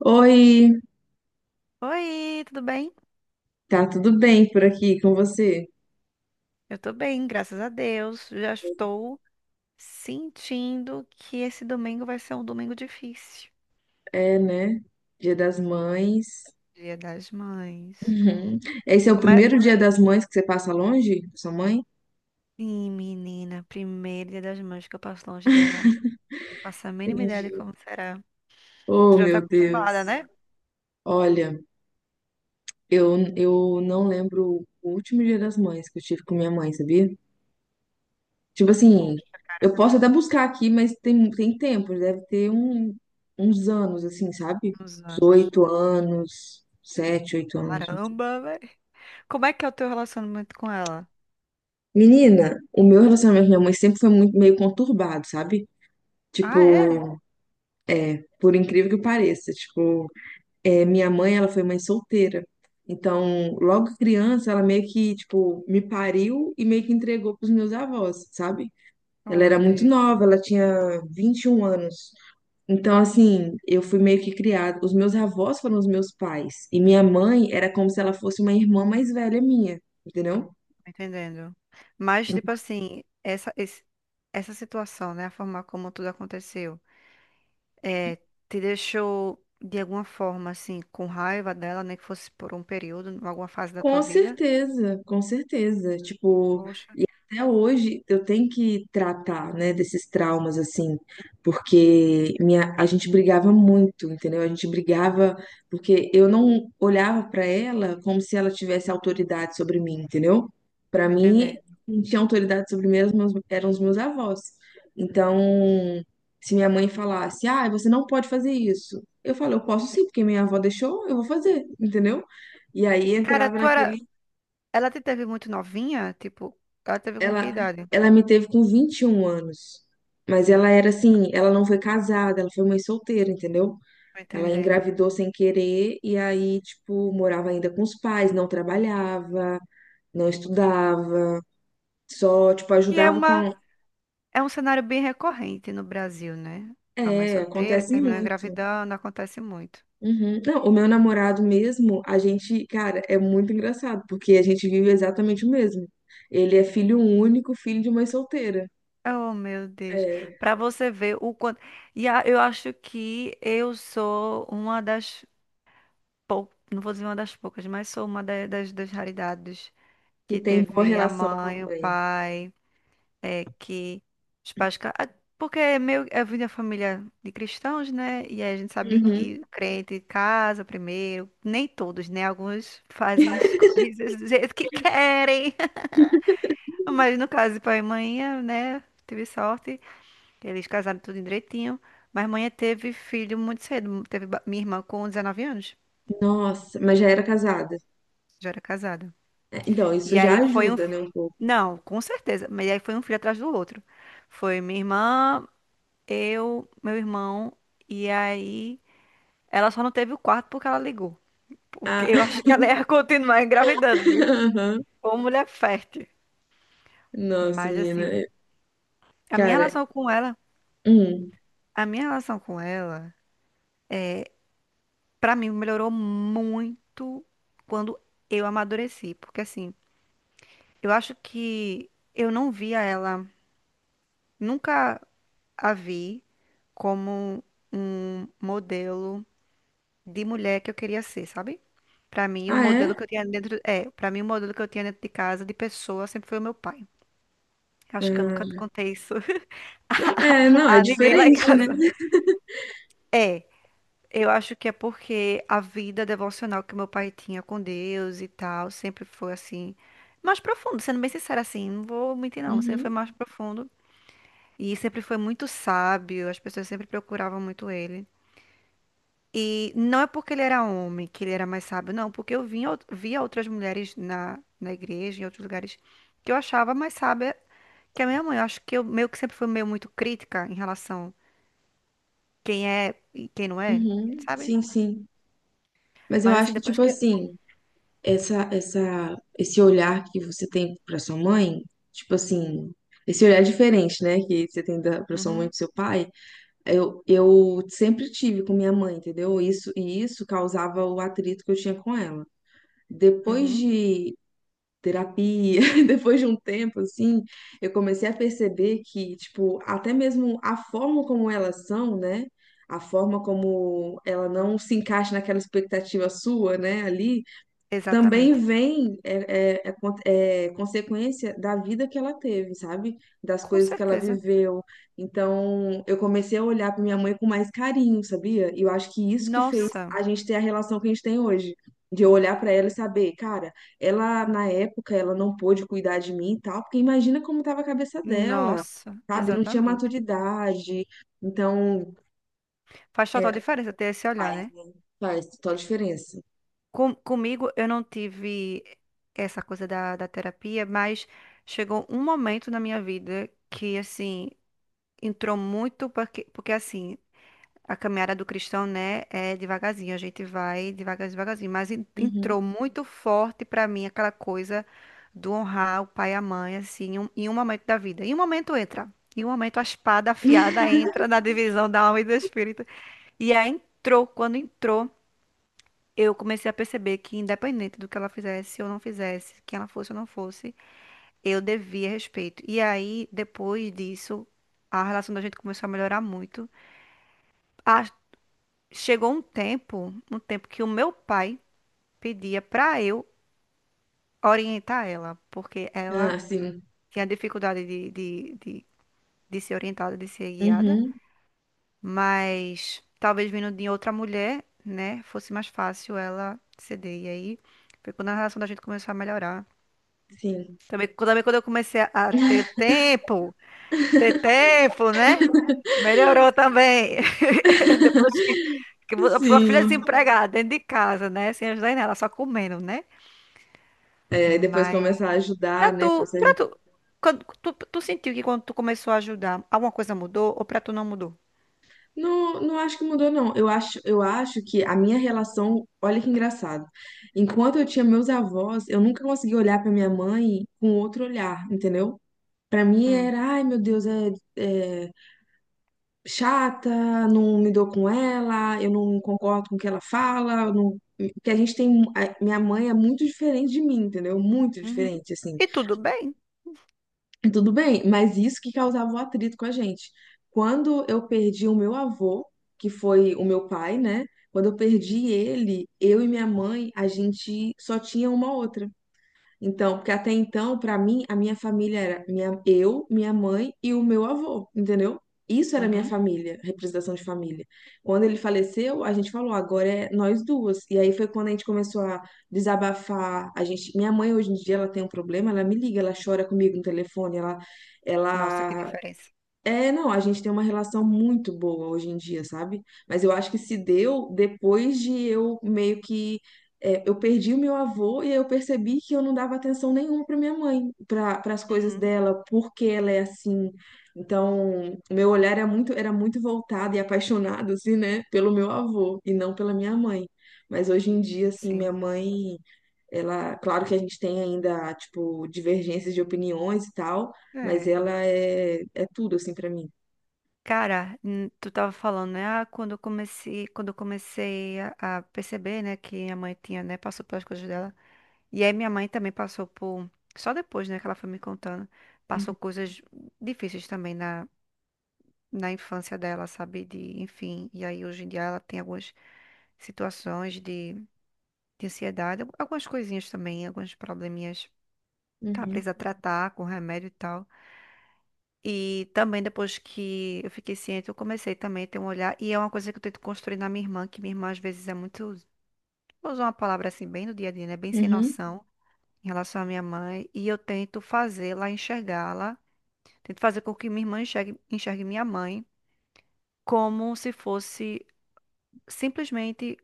Oi, Oi, tudo bem? tá tudo bem por aqui com você? Eu tô bem, graças a Deus. Já estou sentindo que esse domingo vai ser um domingo difícil. É, né? Dia das Mães. Dia das Mães. Uhum. Esse é o Como é? primeiro dia das mães que você passa longe da sua mãe? Sim, menina, primeiro dia das mães que eu passo longe dela. Não faço a mínima ideia de Entendi. como será. Tu Oh, já tá meu acostumada, Deus. né? Olha, eu não lembro o último dia das mães que eu tive com minha mãe, sabia? Tipo assim, Poxa, eu posso até buscar aqui, mas tem tempo, deve ter um, uns anos, assim, sabe? uns Uns anos. 8 anos, 7, 8 anos. Caramba, velho. Como é que é o teu relacionamento com ela? Menina, o meu relacionamento com minha mãe sempre foi muito meio conturbado, sabe? Ah, é? Tipo, por incrível que pareça, tipo, minha mãe, ela foi mãe solteira. Então, logo criança, ela meio que, tipo, me pariu e meio que entregou pros meus avós, sabe? Oh, Ela era meu muito Deus. nova, ela tinha 21 anos. Então, assim, eu fui meio que criada. Os meus avós foram os meus pais. E minha mãe era como se ela fosse uma irmã mais velha minha, entendeu? Entendendo. Mas, Então, tipo assim, essa situação, né? A forma como tudo aconteceu, é, te deixou de alguma forma, assim, com raiva dela, nem que fosse por um período, em alguma fase da tua com vida? certeza, com certeza. Tipo, Poxa, até hoje eu tenho que tratar, né, desses traumas assim, porque a gente brigava muito, entendeu? A gente brigava porque eu não olhava pra ela como se ela tivesse autoridade sobre mim, entendeu? Pra tô mim, entendendo. quem tinha autoridade sobre mim eram os meus avós. Então, se minha mãe falasse, ah, você não pode fazer isso, eu falo, eu posso sim, porque minha avó deixou, eu vou fazer, entendeu? E aí Cara, entrava tu era. naquele. Ela te teve muito novinha? Tipo, ela teve com que Ela, idade? ela me teve com 21 anos. Mas ela era assim, ela não foi casada, ela foi mãe solteira, entendeu? Tô Ela entendendo. engravidou sem querer e aí, tipo, morava ainda com os pais, não trabalhava, não estudava, só, tipo, Que é ajudava uma, com. é um cenário bem recorrente no Brasil, né? A mãe É, solteira que acontece terminou muito. engravidando, acontece muito. Uhum. Não, o meu namorado mesmo, a gente, cara, é muito engraçado, porque a gente vive exatamente o mesmo. Ele é filho único, filho de mãe solteira. Oh, meu Deus. É, Para você ver o quanto. Eu acho que eu sou uma das poucas, não vou dizer uma das poucas, mas sou das raridades e que tem boa teve a relação com a mãe, o mãe. pai, é que os pais. Ca- ah, porque é meio, eu vim da família de cristãos, né? E aí a gente sabe Uhum. que crente casa primeiro. Nem todos, né? Alguns fazem as coisas do jeito que querem. Mas no caso de pai e mãe, né? Tive sorte. Eles casaram tudo direitinho, mas mãe teve filho muito cedo. Minha irmã com 19 anos, Nossa, mas já era casada. já era casada. É, então, isso E já aí foi um. ajuda, né, um pouco. Não, com certeza, mas aí foi um filho atrás do outro. Foi minha irmã, eu, meu irmão, e aí ela só não teve o quarto porque ela ligou. Porque Ah, eu acho que ela ia continuar engravidando, viu? aham. Ou mulher fértil. Nossa, Mas menina. assim, a minha Cara, relação com ela, hum. a minha relação com ela, pra mim melhorou muito quando eu amadureci, porque assim. Eu acho que eu não via ela, nunca a vi como um modelo de mulher que eu queria ser, sabe? Pra mim, o Ah, modelo é? que eu tinha dentro, é, para mim o modelo que eu tinha dentro de casa de pessoa sempre foi o meu pai. Acho que eu nunca Ah, contei isso não, é, não, é a ninguém lá em diferente, né? casa. É, eu acho que é porque a vida devocional que meu pai tinha com Deus e tal, sempre foi assim, mais profundo, sendo bem sincera assim, não vou mentir não, sempre foi Uhum, mais profundo. E sempre foi muito sábio, as pessoas sempre procuravam muito ele. E não é porque ele era homem que ele era mais sábio, não, porque eu vinha, via outras mulheres na igreja, em outros lugares, que eu achava mais sábia que a minha mãe. Eu acho que eu meio que sempre fui meio muito crítica em relação quem é e quem não é, uhum, sabe? sim, sim. Mas eu Mas assim, acho que, depois tipo que. assim, esse olhar que você tem pra sua mãe, tipo assim, esse olhar diferente, né, que você tem da, pra sua mãe e Uhum, pro seu pai, eu sempre tive com minha mãe, entendeu? Isso, e isso causava o atrito que eu tinha com ela. Depois uhum, de terapia, depois de um tempo assim, eu comecei a perceber que, tipo, até mesmo a forma como elas são, né? A forma como ela não se encaixa naquela expectativa sua, né, ali, também exatamente. vem é consequência da vida que ela teve, sabe? Das Com coisas que ela certeza. viveu. Então, eu comecei a olhar para minha mãe com mais carinho, sabia? E eu acho que isso que fez Nossa, a gente ter a relação que a gente tem hoje. De eu olhar para ela e saber, cara, ela na época ela não pôde cuidar de mim e tal, porque imagina como tava a cabeça dela, nossa, sabe? Não tinha exatamente. maturidade. Então, Faz é, total diferença ter esse olhar, faz, né? né? Faz total diferença. Com- comigo, eu não tive essa coisa da terapia, mas chegou um momento na minha vida que, assim, entrou muito, porque assim, a caminhada do cristão, né, é devagarzinho, a gente vai devagar, devagarzinho, mas Uhum. entrou muito forte pra mim aquela coisa do honrar o pai e a mãe, assim, em um momento da vida. Em um momento entra, em um momento a espada afiada entra na divisão da alma e do espírito. E aí entrou, quando entrou eu comecei a perceber que, independente do que ela fizesse ou não fizesse, quem ela fosse ou não fosse, eu devia respeito. E aí, depois disso, a relação da gente começou a melhorar muito. Ah, chegou um tempo que o meu pai pedia pra eu orientar ela, porque ela Ah, sim. tinha dificuldade de ser orientada, de ser guiada, Uhum, mas talvez vindo de outra mulher, né, fosse mais fácil ela ceder. E aí, foi quando a relação da gente começou a melhorar. sim. Também, também quando eu comecei a ter tempo, né? Melhorou também. Depois que a filha Sim. desempregada dentro de casa, né? Sem ajudar em nada, só comendo, né? É, e depois Mas começar a ajudar, né? Consegue... pra tu, quando, tu sentiu que quando tu começou a ajudar, alguma coisa mudou ou pra tu não mudou? Não, não acho que mudou, não. Eu acho que a minha relação, olha que engraçado. Enquanto eu tinha meus avós, eu nunca consegui olhar pra minha mãe com outro olhar, entendeu? Pra mim Hum. era, ai meu Deus, é, chata, não me dou com ela, eu não concordo com o que ela fala, eu não... porque a gente tem. Minha mãe é muito diferente de mim, entendeu? Muito Uhum. diferente, assim. E tudo bem? E tudo bem, mas isso que causava o atrito com a gente. Quando eu perdi o meu avô, que foi o meu pai, né? Quando eu perdi ele, eu e minha mãe, a gente só tinha uma outra. Então, porque até então, pra mim, a minha família era minha, eu, minha mãe e o meu avô, entendeu? Isso era minha Uhum. família, representação de família. Quando ele faleceu, a gente falou, agora é nós duas. E aí foi quando a gente começou a desabafar. A gente, minha mãe hoje em dia ela tem um problema, ela me liga, ela chora comigo no telefone, ela, Nossa, que ela diferença. é, não, a gente tem uma relação muito boa hoje em dia, sabe? Mas eu acho que se deu depois de eu meio que. É, eu perdi o meu avô e aí eu percebi que eu não dava atenção nenhuma para minha mãe, para as coisas Uhum. dela, porque ela é assim. Então, meu olhar era muito voltado e apaixonado, assim, né, pelo meu avô e não pela minha mãe. Mas hoje em dia, assim, minha Sim. mãe. Ela, claro que a gente tem ainda, tipo, divergências de opiniões e tal, mas É. ela é tudo, assim, pra mim. Cara, tu tava falando, né? Ah, quando eu comecei a perceber, né, que minha mãe tinha, né, passou pelas coisas dela. E aí minha mãe também passou por, só depois, né, que ela foi me contando, passou coisas difíceis também na infância dela, sabe? De, enfim, e aí hoje em dia ela tem algumas situações de ansiedade, algumas coisinhas também, alguns probleminhas que ela Uhum, precisa tratar com remédio e tal. E também depois que eu fiquei ciente, eu comecei também a ter um olhar. E é uma coisa que eu tento construir na minha irmã, que minha irmã às vezes é muito, vou usar uma palavra assim, bem no dia a dia, né? Bem sem uhum, noção em relação à minha mãe. E eu tento fazê-la enxergá-la, tento fazer com que minha irmã enxergue, enxergue minha mãe como se fosse simplesmente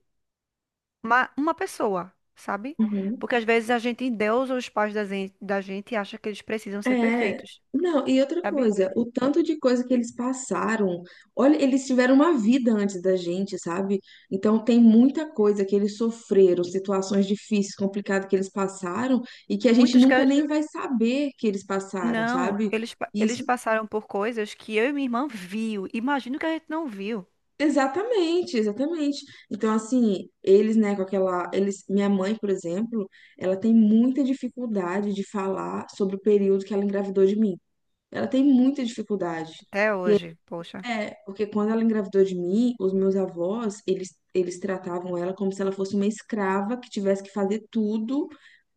uma pessoa, sabe? uhum. Porque às vezes a gente endeusa os pais da gente e acha que eles precisam ser É, perfeitos, não, e outra sabe? coisa, o tanto de coisa que eles passaram, olha, eles tiveram uma vida antes da gente, sabe? Então tem muita coisa que eles sofreram, situações difíceis, complicadas que eles passaram e que a gente Muitos nunca que nem vai saber que eles passaram, Não, sabe? Eles Isso. passaram por coisas que eu e minha irmã viu. Imagino que a gente não viu Exatamente, exatamente. Então, assim, eles, né, com aquela, eles, minha mãe, por exemplo, ela tem muita dificuldade de falar sobre o período que ela engravidou de mim. Ela tem muita dificuldade. até hoje, poxa. É, porque quando ela engravidou de mim, os meus avós, eles tratavam ela como se ela fosse uma escrava que tivesse que fazer tudo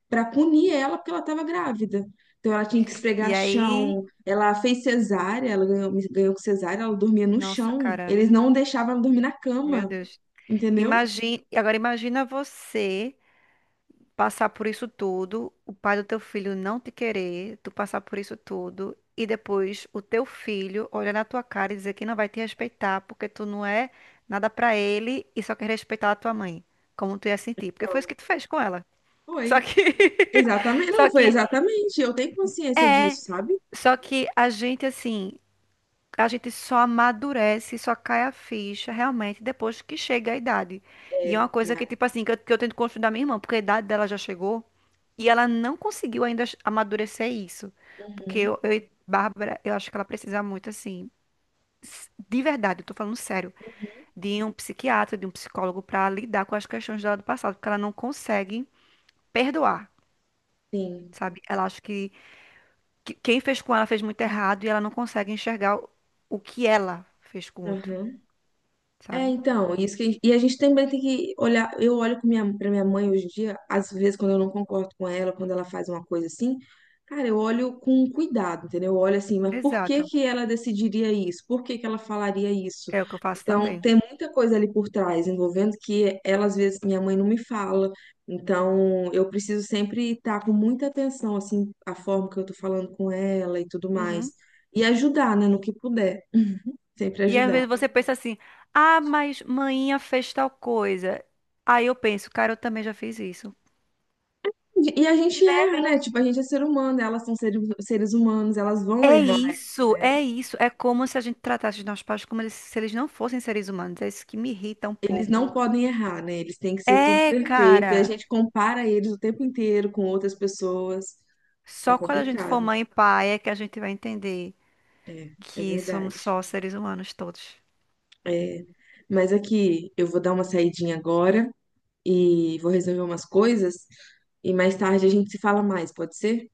para punir ela porque ela estava grávida. Então ela tinha que E esfregar aí, chão, ela fez cesárea, ela ganhou com cesárea, ela dormia no nossa, chão. cara, Eles não deixavam ela dormir na meu cama, Deus. entendeu? Imagina, agora imagina você passar por isso tudo, o pai do teu filho não te querer, tu passar por isso tudo e depois o teu filho olhar na tua cara e dizer que não vai te respeitar porque tu não é nada pra ele e só quer respeitar a tua mãe. Como tu ia sentir? Porque foi isso Então, que tu fez com ela. Só foi. que Exatamente, Só não, foi que exatamente. Eu tenho consciência É, disso, sabe? só que a gente, assim, a gente só amadurece, só cai a ficha realmente depois que chega a idade. E é uma É, coisa cara. que, tipo assim, que eu tento construir da minha irmã, porque a idade dela já chegou e ela não conseguiu ainda amadurecer isso. Porque Uhum, eu e Bárbara, eu acho que ela precisa muito, assim, de verdade, eu tô falando sério, de um psiquiatra, de um psicólogo pra lidar com as questões dela do passado, porque ela não consegue perdoar, sim. sabe? Ela acha que. Quem fez com ela fez muito errado e ela não consegue enxergar o que ela fez com o outro, Aham. É, sabe? então, isso que, e a gente também tem que olhar. Eu olho pra minha mãe hoje em dia, às vezes, quando eu não concordo com ela, quando ela faz uma coisa assim, cara, eu olho com cuidado, entendeu? Eu olho assim, mas por que Exato. que ela decidiria isso? Por que que ela falaria isso? É o que eu faço Então, também. tem muita coisa ali por trás, envolvendo que ela, às vezes, minha mãe não me fala. Então, eu preciso sempre estar com muita atenção, assim, a forma que eu tô falando com ela e tudo mais. Uhum. E ajudar, né, no que puder. Sempre E às ajudar. vezes você pensa assim: ah, mas mainha fez tal coisa. Aí eu penso, cara, eu também já fiz isso. E a gente erra, né? Tipo, a gente é ser humano, elas são seres humanos, elas vão É errar. isso, Né? é isso. É como se a gente tratasse os nossos pais como se eles não fossem seres humanos. É isso que me irrita um Eles pouco. não podem errar, né? Eles têm que ser tudo É, perfeito. E a cara. gente compara eles o tempo inteiro com outras pessoas. É Só quando a gente for complicado. mãe e pai é que a gente vai entender É, é que somos verdade. só seres humanos todos. É. Mas aqui, eu vou dar uma saidinha agora e vou resolver umas coisas. E mais tarde a gente se fala mais, pode ser?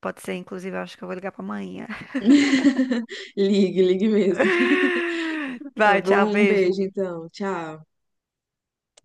Pode ser, inclusive, eu acho que eu vou ligar pra amanhã. Ligue, ligue mesmo. Tá Vai, tchau, bom? Um beijo. beijo, então. Tchau.